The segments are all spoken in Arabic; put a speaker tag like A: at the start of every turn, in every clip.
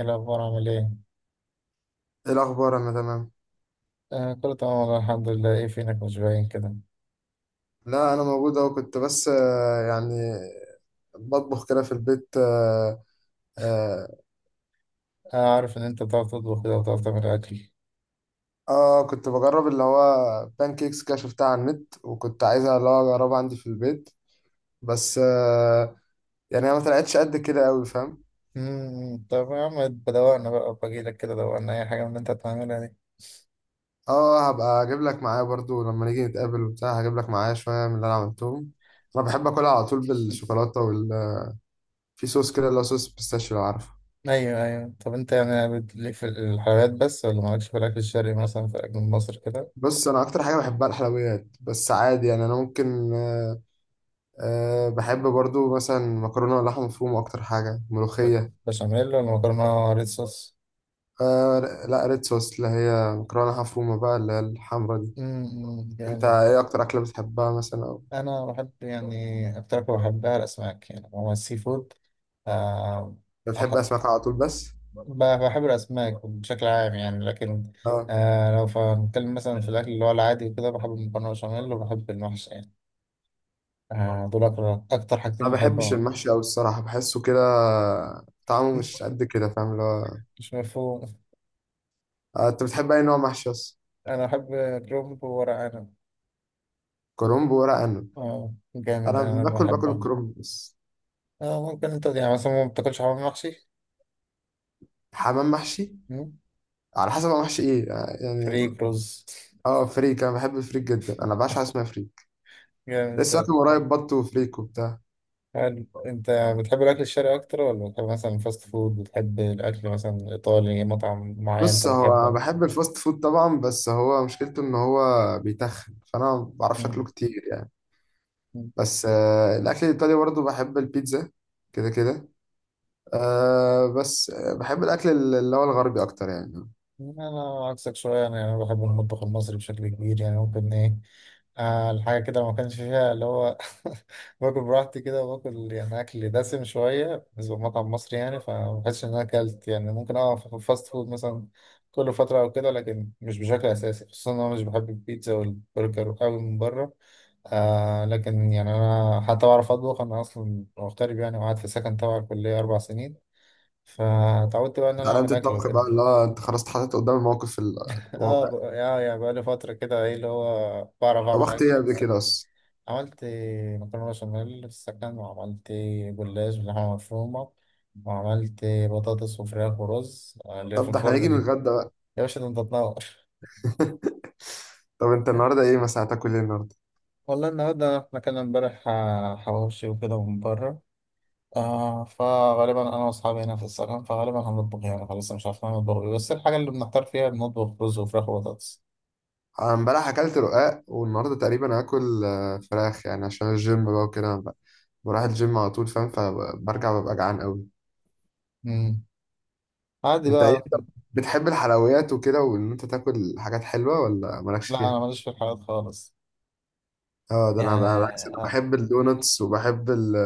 A: ايه الأخبار عامل إيه؟
B: ايه الاخبار؟ انا تمام.
A: آه، كله تمام والله الحمد لله. إيه فينك مش باين كده؟
B: لا، انا موجود اهو. كنت بس يعني بطبخ كده في البيت. اه, آه,
A: آه، عارف إن أنت بتعرف تطبخ كده وبتعرف تعمل أكل.
B: كنت بجرب اللي هو بانكيكس كده، شفتها على النت وكنت عايزها اللي هو اجربها عندي في البيت. بس يعني هي ما طلعتش قد كده قوي، فاهم؟
A: طب يا عم بدوقنا بقى بجيلك كده، دوقنا أي حاجة من اللي أنت هتعملها دي.
B: اه، هبقى اجيب لك معايا برضو لما نيجي نتقابل وبتاع، هجيب لك معايا شويه من اللي انا عملتهم. انا بحب اكلها على طول بالشوكولاته في صوص كده، اللي هو صوص بيستاشيو لو عارفه.
A: أيوه أيوه، طب أنت يعني ليك في الحلويات بس ولا مالكش في الأكل الشرقي، مثلا في الأكل المصري كده؟
B: بص، انا اكتر حاجه بحبها الحلويات، بس عادي يعني انا ممكن أه بحب برضو مثلا مكرونة ولحمة مفرومة، أكتر حاجة ملوخية.
A: بشاميل ولا مكرونة ريد صوص؟
B: أه. لا، ريد صوص، اللي هي مكرونة لحمة مفرومة بقى، اللي هي الحمرا دي.
A: امم،
B: أنت
A: جامد.
B: إيه أكتر أكلة بتحبها مثلا؟ أو
A: أنا بحب يعني أكتر حاجة بحبها الأسماك، يعني هو السي فود. آه،
B: بتحب أسماك على طول بس؟
A: بحب الأسماك بشكل عام يعني، لكن
B: أه.
A: آه لو هنتكلم مثلا في الأكل اللي هو العادي وكده بحب المكرونة بشاميل وبحب المحشي يعني. آه، دول أكتر
B: أنا
A: حاجتين
B: ما بحبش
A: بحبهم.
B: المحشي أوي الصراحة، بحسه كده طعمه مش قد كده فاهم اللي هو.
A: مش مفهوم.
B: أنت بتحب أي نوع محشي أصلا؟
A: أنا بحب كرنب وورق عنب.
B: كرنب وورق عنب.
A: آه جامد،
B: أنا
A: أنا
B: باكل
A: بحبهم.
B: الكرنب بس.
A: آه ممكن أنت يعني مثلا ما بتاكلش حمام محشي؟
B: حمام محشي؟
A: مم؟
B: على حسب هو محشي إيه يعني.
A: فريك رز.
B: أه، فريك. أنا بحب الفريك جدا، أنا بعشق حاجة اسمها فريك.
A: جامد،
B: لسه اكل
A: طيب.
B: قريب بط وفريك وبتاع.
A: هل أنت بتحب الأكل الشرقي أكتر، ولا بتحب مثلا الفاست فود، بتحب الأكل مثلا الإيطالي، مطعم معين أنت
B: بص، هو
A: بتحبه؟
B: بحب الفاست فود طبعا، بس هو مشكلته ان هو بيتخن، فانا ما بعرفش اكله كتير يعني.
A: مم.
B: بس الاكل الايطالي برضه، بحب البيتزا كده كده. أه، بس بحب الاكل اللي هو الغربي اكتر يعني.
A: انا عكسك شويه، انا بحب المطبخ المصري بشكل كبير، يعني ممكن ايه آه الحاجه كده ما كانش فيها اللي هو باكل براحتي كده، وباكل يعني اكل دسم شويه بالنسبه لمطعم مصري، يعني فما بحسش ان انا اكلت. يعني ممكن اه في الفاست فود مثلا كل فتره او كده، لكن مش بشكل اساسي، خصوصا ان انا مش بحب البيتزا والبرجر قوي من بره. آه لكن يعني انا حتى بعرف اطبخ، انا اصلا مغترب يعني وقعدت في سكن تبع الكليه 4 سنين، فتعودت بقى ان انا
B: اتعلمت
A: اعمل اكل
B: الطبخ بقى، اللي
A: وكده.
B: هو انت خلاص اتحطيت قدام الموقف الواقع.
A: اه يعني بقالي فترة كده، ايه اللي هو بعرف اعمل
B: طبخت
A: اكل
B: ايه
A: في
B: قبل
A: السكن.
B: كده اصلا؟
A: عملت مكرونة بشاميل في السكن، وعملت جلاش باللحمة مفرومة، وعملت بطاطس وفراخ ورز اللي في
B: طب ده احنا هنيجي
A: الفرن دي.
B: نتغدى بقى.
A: يا باشا ده انت تنور.
B: طب انت النهارده ايه مثلا، هتاكل ايه النهارده؟
A: والله النهاردة احنا كان امبارح حواوشي وكده من بره. آه، فغالبا انا واصحابي هنا في السكن، فغالبا هنطبخ يعني خلاص مش عارفين نطبخ إيه. بس الحاجة اللي بنحتار فيها بنطبخ رز وفراخ وبطاطس.
B: انا امبارح اكلت رقاق، والنهارده تقريبا هاكل فراخ، يعني عشان الجيم بقى وكده بروح الجيم على طول فاهم، فبرجع ببقى جعان قوي.
A: مم. عادي
B: انت ايه؟
A: بقى.
B: أنت بتحب الحلويات وكده، وان انت تاكل حاجات حلوه، ولا مالكش
A: لا
B: فيها؟
A: انا ماليش في الحلويات خالص.
B: اه ده انا بقى بالعكس، انا
A: يعني
B: بحب الدوناتس وبحب ال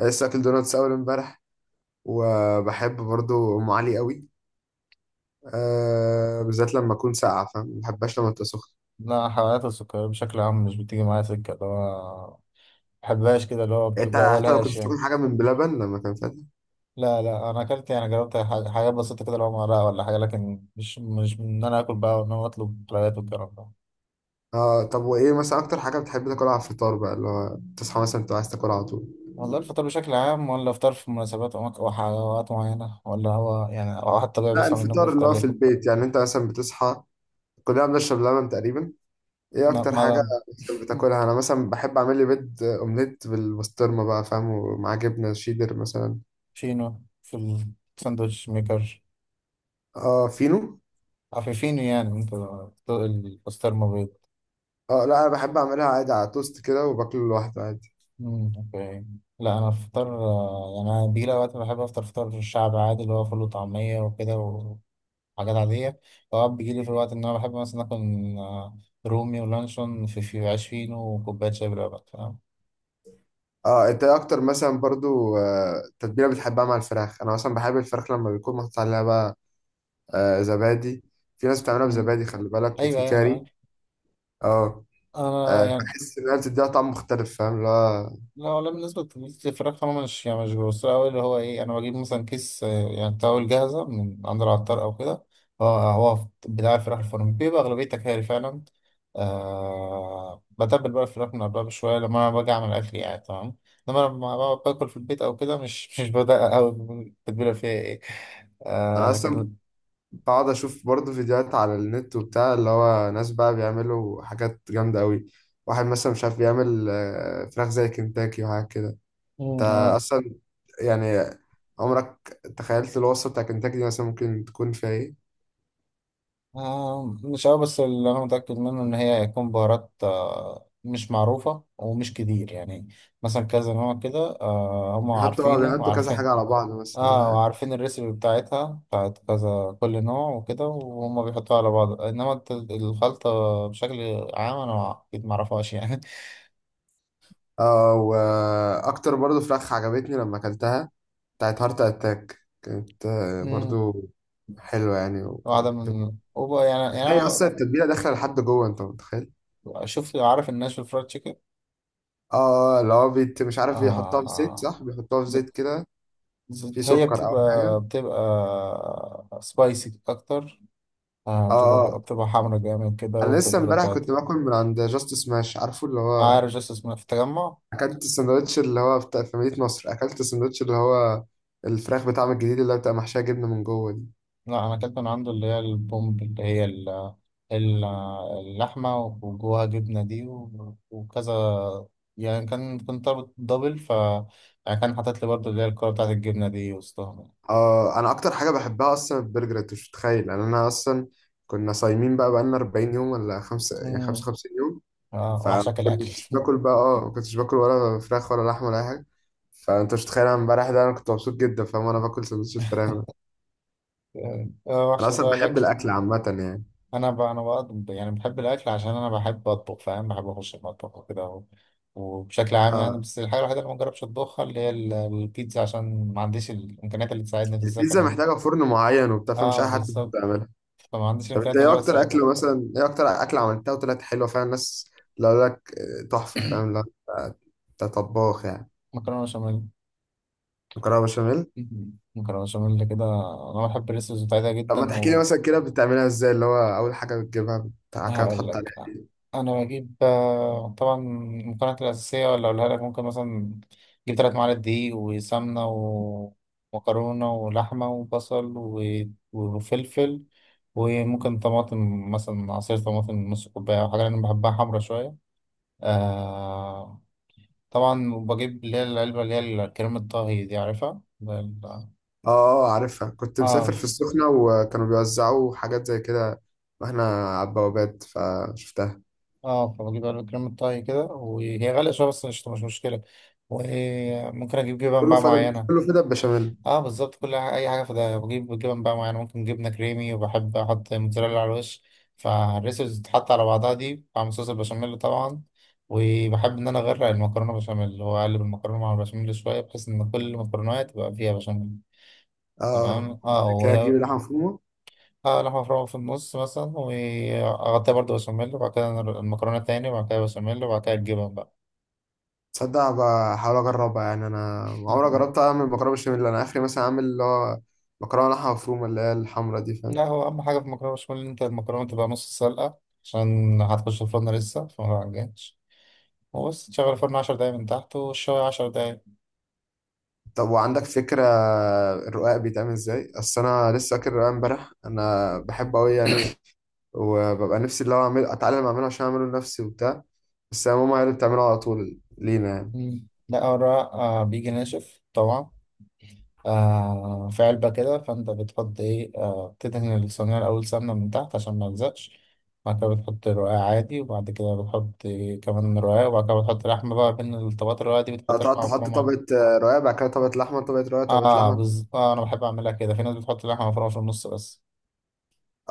B: أنا لسه اكل دوناتس اول امبارح، وبحب برضو ام علي قوي. أه، بالذات لما اكون ساقعه فاهم، ما بحبهاش لما تبقى سخنه.
A: لا، حلويات السكر بشكل عام مش بتيجي معايا سكة اللي هو ما بحبهاش كده، اللي هو
B: يعني انت حتى لو كنت
A: بتبقبلهاش
B: بتاكل
A: يعني.
B: حاجه من بلبن لما كان فيها؟
A: لا لا، أنا أكلت يعني جربت حاجات بسيطة كده اللي هو مرقة ولا حاجة، لكن مش من إن أنا آكل بقى وإن أنا أطلب حلويات والكلام ده.
B: اه. طب وايه مثلا اكتر حاجه بتحب تاكلها على الفطار بقى، اللي هو تصحى مثلا تبقى عايز تاكل على طول؟
A: والله الفطار بشكل عام ولا فطار في مناسبات أو أو حلويات معينة، ولا هو يعني أو حتى طبيعي
B: لا،
A: بيصحى من النوم
B: الفطار اللي
A: بيفطر
B: هو في
A: إيه؟
B: البيت يعني، انت مثلا بتصحى، كلنا بنشرب لبن تقريبا. ايه
A: لا،
B: اكتر حاجه
A: معدن.
B: مثلا بتاكلها؟ انا مثلا بحب اعمل لي بيض اومليت بالبسطرمه بقى فاهم، ومعاه جبنه شيدر مثلا.
A: شينو في الساندوتش ميكر؟
B: اه فينو.
A: عفيفينو يعني أنت. البسطرمة بيض.
B: اه، لا، انا بحب اعملها عادي على توست كده، وباكله لوحده عادي.
A: مم، اوكي. لا انا الفطار آه، يعني انا بيجي لي اوقات بحب افطر فطار الشعب عادي، اللي هو فول وطعميه وكده وحاجات عاديه. اوقات بيجي لي في الوقت ان انا بحب مثلا اكل آه، رومي ولانشون في عيش فينو وكوبايه شاي بلبن فاهم.
B: اه، انت ايه اكتر مثلا برضو تتبيله بتحبها مع الفراخ؟ انا مثلا بحب الفراخ لما بيكون محطوط عليها بقى زبادي. في ناس بتعملها
A: مم.
B: بزبادي، خلي بالك،
A: ايوه
B: وفي
A: ايوه انا
B: كاري.
A: عارف.
B: اه،
A: انا يعني
B: بحس انها بتديها طعم مختلف فاهم اللي هو.
A: لا، ولا بالنسبة للفراخ أنا مش يعني مش بوصلها أوي اللي هو إيه. أنا بجيب مثلا كيس يعني تاول جاهزة من عند العطار أو كده، هو هو بتاع الفراخ الفرن بيبقى أغلبية تكاري فعلا. آه، بتبل بقى الفراخ من قبلها بشوية لما أنا باجي أعمل أكل يعني، تمام. إنما لما بقعد باكل في البيت أو كده مش بدقق أوي التتبيلة فيها إيه.
B: انا
A: آه
B: اصلا بقعد اشوف برضه فيديوهات على النت وبتاع، اللي هو ناس بقى بيعملوا حاجات جامده قوي. واحد مثلا مش عارف يعمل فراخ زي كنتاكي وحاجات كده. انت
A: لكن
B: اصلا يعني عمرك تخيلت الوصفه بتاع كنتاكي دي مثلا ممكن تكون فيها ايه؟
A: مش أوي، بس اللي أنا متأكد منه إن هي هيكون بهارات مش معروفة ومش كتير يعني. مثلا كذا نوع كده، هم
B: بيحطوا اه
A: عارفينه
B: بيحطوا كذا
A: وعارفين.
B: حاجه على بعض
A: اه
B: مثلا.
A: وعارفين الريسيبي بتاعتها بتاعت كذا، كل نوع وكده وهم بيحطوها على بعض. إنما الخلطة بشكل عام أنا أكيد معرفهاش يعني.
B: اه، واكتر برضو فراخ عجبتني لما اكلتها، بتاعت هارت اتاك كانت
A: مم.
B: برضو حلوة يعني
A: واحدة من وبقى يعني
B: بتلاقي
A: يعني.
B: اصلا التتبيلة داخلة لحد جوه، انت متخيل.
A: أنا شوف عارف الناشف فرايد تشيكن.
B: اه اللي هو بيت مش عارف بيحطها في زيت،
A: آه،
B: صح، بيحطها في
A: ب-
B: زيت كده، في
A: هي
B: سكر او
A: بتبقى
B: حاجة.
A: سبايسي أكتر. آه بتبقى
B: اه،
A: حمرا جامد كده
B: انا لسه
A: والتتبيلة
B: امبارح
A: بتاعتها.
B: كنت باكل من عند جاست سماش، عارفه اللي هو؟
A: عارف جاست اسمها في التجمع؟
B: اكلت الساندوتش اللي هو بتاع في مدينة نصر، اكلت الساندوتش اللي هو الفراخ بتاعهم الجديد، اللي هو بتبقى محشية جبنة من جوه دي.
A: لا أنا أكلت من عنده اللي هي البومب، اللي هي ال- اللحمة وجواها جبنة دي، وكذا. يعني كان كنت طالب دبل، ف يعني كان حاطط لي برضه اللي هي الكرة بتاعت الجبنة دي وسطهم.
B: اه، انا اكتر حاجه بحبها اصلا البرجر، انت مش متخيل يعني. انا اصلا كنا صايمين بقى بقالنا 40 يوم ولا خمسة، يعني
A: مم.
B: 55 يوم.
A: آه
B: فما
A: وحشك الأكل.
B: كنتش باكل بقى، اه ما كنتش باكل ولا فراخ ولا لحمه ولا اي حاجه. فانت مش متخيل انا امبارح ده انا كنت مبسوط جدا فاهم، انا باكل سندوتش الفراخ ده. انا
A: وحشك
B: اصلا
A: بقى
B: بحب
A: الأكل.
B: الاكل عامه يعني.
A: انا بقى يعني بحب الاكل عشان انا بحب اطبخ فاهم، بحب اخش المطبخ وكده وبشكل عام يعني.
B: اه،
A: بس الحاجه الوحيده اللي ما جربتش اطبخها اللي هي البيتزا، عشان ما عنديش الامكانيات اللي تساعدني في
B: يعني
A: السكن
B: البيتزا
A: يعني.
B: محتاجه فرن معين وبتاع، فمش
A: اه
B: اي حد
A: بالظبط،
B: بيقدر يعملها.
A: فما عنديش
B: طب انت
A: الامكانيات اللي
B: ايه
A: هو
B: اكتر
A: تساعدني.
B: اكله مثلا، ايه اكتر اكله عملتها وطلعت حلوه فعلا الناس لو لك تحفه فاهم؟ لا، أنت طباخ يعني.
A: مكرونه بشاميل.
B: مكرونه بشاميل.
A: مكرونه بشاميل كده. انا بحب الريسبس بتاعتها
B: طب
A: جدا.
B: ما تحكي لي مثلا كده بتعملها ازاي، اللي هو اول حاجه بتجيبها بتاع كده
A: هقول
B: تحط
A: لك.
B: عليها؟
A: انا بجيب طبعا المكونات الاساسيه، ولا اقولها لك. ممكن مثلا اجيب 3 معالق دقيق وسمنه ومكرونه ولحمه وبصل وفلفل، وممكن طماطم، مثلا عصير طماطم نص كوبايه او حاجه، انا بحبها حمرا شويه. آه طبعا بجيب اللي هي العلبه، اللي هي كريمه الطهي دي عارفها ال-
B: اه عارفها، كنت
A: اه
B: مسافر في السخنه وكانوا بيوزعوا حاجات زي كده، واحنا على البوابات فشفتها.
A: اه فبجيب علبة كريمة طهي كده، وهي غالية شوية بس مش مشكلة. وممكن أجيب جبن
B: كله
A: بقى
B: فدا،
A: معينة.
B: كله فدا بشاميل.
A: اه بالظبط. كل أي حاجة. فده بجيب جبن بقى معينة، ممكن جبنة كريمي، وبحب أحط موتزاريلا على الوش. فالريسبس بتتحط على بعضها دي مع صوص البشاميل طبعا، وبحب إن أنا أغرق المكرونة بشاميل وأقلب المكرونة مع البشاميل شوية، بحيث إن كل المكرونة تبقى فيها بشاميل.
B: اه،
A: تمام
B: آه.
A: اه و
B: كده اجيب لحمه مفرومه.
A: اه، لحمة مفرومة في النص مثلا وأغطيها برضه بشاميل، وبعد كده المكرونة تاني، وبعد كده بشاميل، وبعد كده الجبن بقى.
B: تصدق بحاول اجربها يعني، انا عمري ما جربت اعمل مكرونه بشاميل، انا اخري مثلا اعمل اللي هو مكرونه لحمه مفرومه اللي هي الحمرا دي فاهم.
A: لا، هو أهم حاجة في المكرونة بشاميل إن أنت المكرونة تبقى نص سلقة، عشان هتخش الفرن لسه فما عجنش. وبس تشغل الفرن 10 دقايق من تحت والشوية 10 دقايق.
B: طب وعندك فكره الرقاق بيتعمل ازاي؟ اصل انا لسه فاكر الرقاق امبارح، انا بحبه قوي يعني، وببقى نفسي اللي هو اعمل اتعلم اعمله عشان اعمله لنفسي وبتاع، بس هي ماما هي اللي بتعمله على طول لينا يعني.
A: مم. لا ورق آه بيجي ناشف طبعا، آه في علبة كده. فأنت بتحط إيه؟ آه بتدهن الصينية الأول سمنة من تحت عشان ما يلزقش، بعد كده بتحط رقاق عادي، وبعد كده بتحط إيه كمان رقاق، وبعد كده بتحط لحمة بقى بين الطبقات الرقاق دي، بتحط
B: تقعد
A: لحمة
B: تحط
A: مفرومة.
B: طبقة رقاق، بعد كده طبقة لحمة، طبقة رقاق، طبقة
A: اه
B: لحمة.
A: آه أنا بحب أعملها كده، في ناس بتحط لحمة مفرومة في النص بس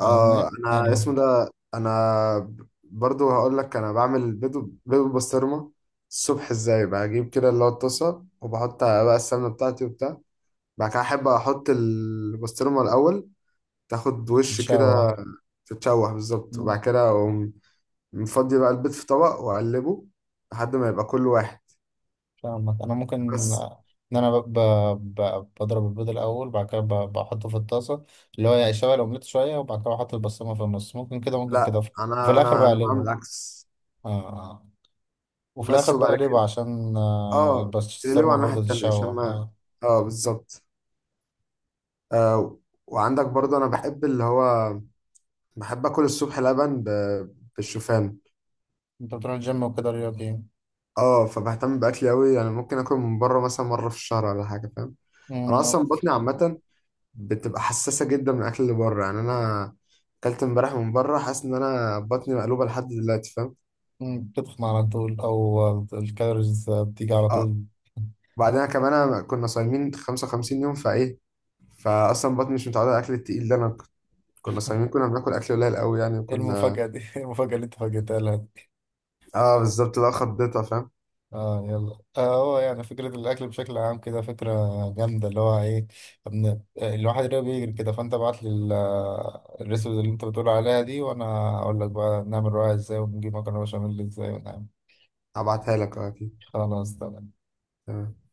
B: اه،
A: فاهمني
B: انا
A: يلا.
B: اسمه ده انا برضو هقول لك، انا بعمل بيض، بيض بالبسطرمة الصبح ازاي، بجيب كده اللي هو الطاسة وبحط بقى السمنة بتاعتي وبتاع، بعد كده احب احط البسطرمة الاول تاخد وش
A: تتشوح.
B: كده تتشوح بالظبط، وبعد
A: مم،
B: كده اقوم مفضي بقى البيض في طبق واقلبه لحد ما يبقى كل واحد
A: فاهمك. انا ممكن
B: بس.
A: ان انا ب... ب... ب... بضرب البيض الاول، بعد كده بحطه في الطاسه اللي هو يعني شويه الاومليت شويه، وبعد كده بحط البسطرمه في النص، ممكن كده ممكن كده،
B: لا،
A: وفي
B: انا
A: الاخر
B: انا انا
A: بقلبه.
B: بعمل عكس
A: آه. آه. وفي الاخر
B: بس، وبعد
A: بقلبه
B: كده
A: عشان
B: اه تقلبه على
A: البسطرمه
B: الناحيه
A: برضه
B: التانيه عشان
A: تتشوح
B: ما.
A: اه.
B: اه بالظبط. آه، وعندك برضه، انا بحب اللي هو بحب اكل الصبح لبن بالشوفان.
A: انت بتروح الجيم وكده رياضي.
B: اه، فبهتم باكلي قوي يعني، ممكن اكل من بره مثلا مره في الشهر ولا حاجه فاهم.
A: مم،
B: انا اصلا بطني عامه بتبقى حساسه جدا من الاكل اللي بره يعني، انا اكلت امبارح من بره حاسس ان انا بطني مقلوبه لحد دلوقتي فاهم.
A: بتتخن على طول او الكالوريز بتيجي على
B: اه،
A: طول.
B: وبعدين كمان أنا كنا صايمين 55 يوم فايه، فاصلا بطني مش متعوده على الاكل التقيل ده، كنا صايمين كنا بناكل اكل قليل قوي يعني
A: ايه
B: وكنا.
A: المفاجأة دي؟ ايه المفاجأة اللي انت فاجئتها لها؟
B: اه بالظبط، لا خضتها فاهم.
A: اه يلا. اه هو يعني فكرة الأكل بشكل عام كده فكرة جامدة، اللي هو إيه ابن الواحد اللي هو بيجري كده. فأنت ابعت لي الريسبي اللي أنت بتقول عليها دي، وأنا أقول لك بقى نعمل رواية إزاي، ونجيب مكرونة بشاميل إزاي ونعمل.
B: هبعتها لك اه اكيد.
A: خلاص تمام.
B: تمام.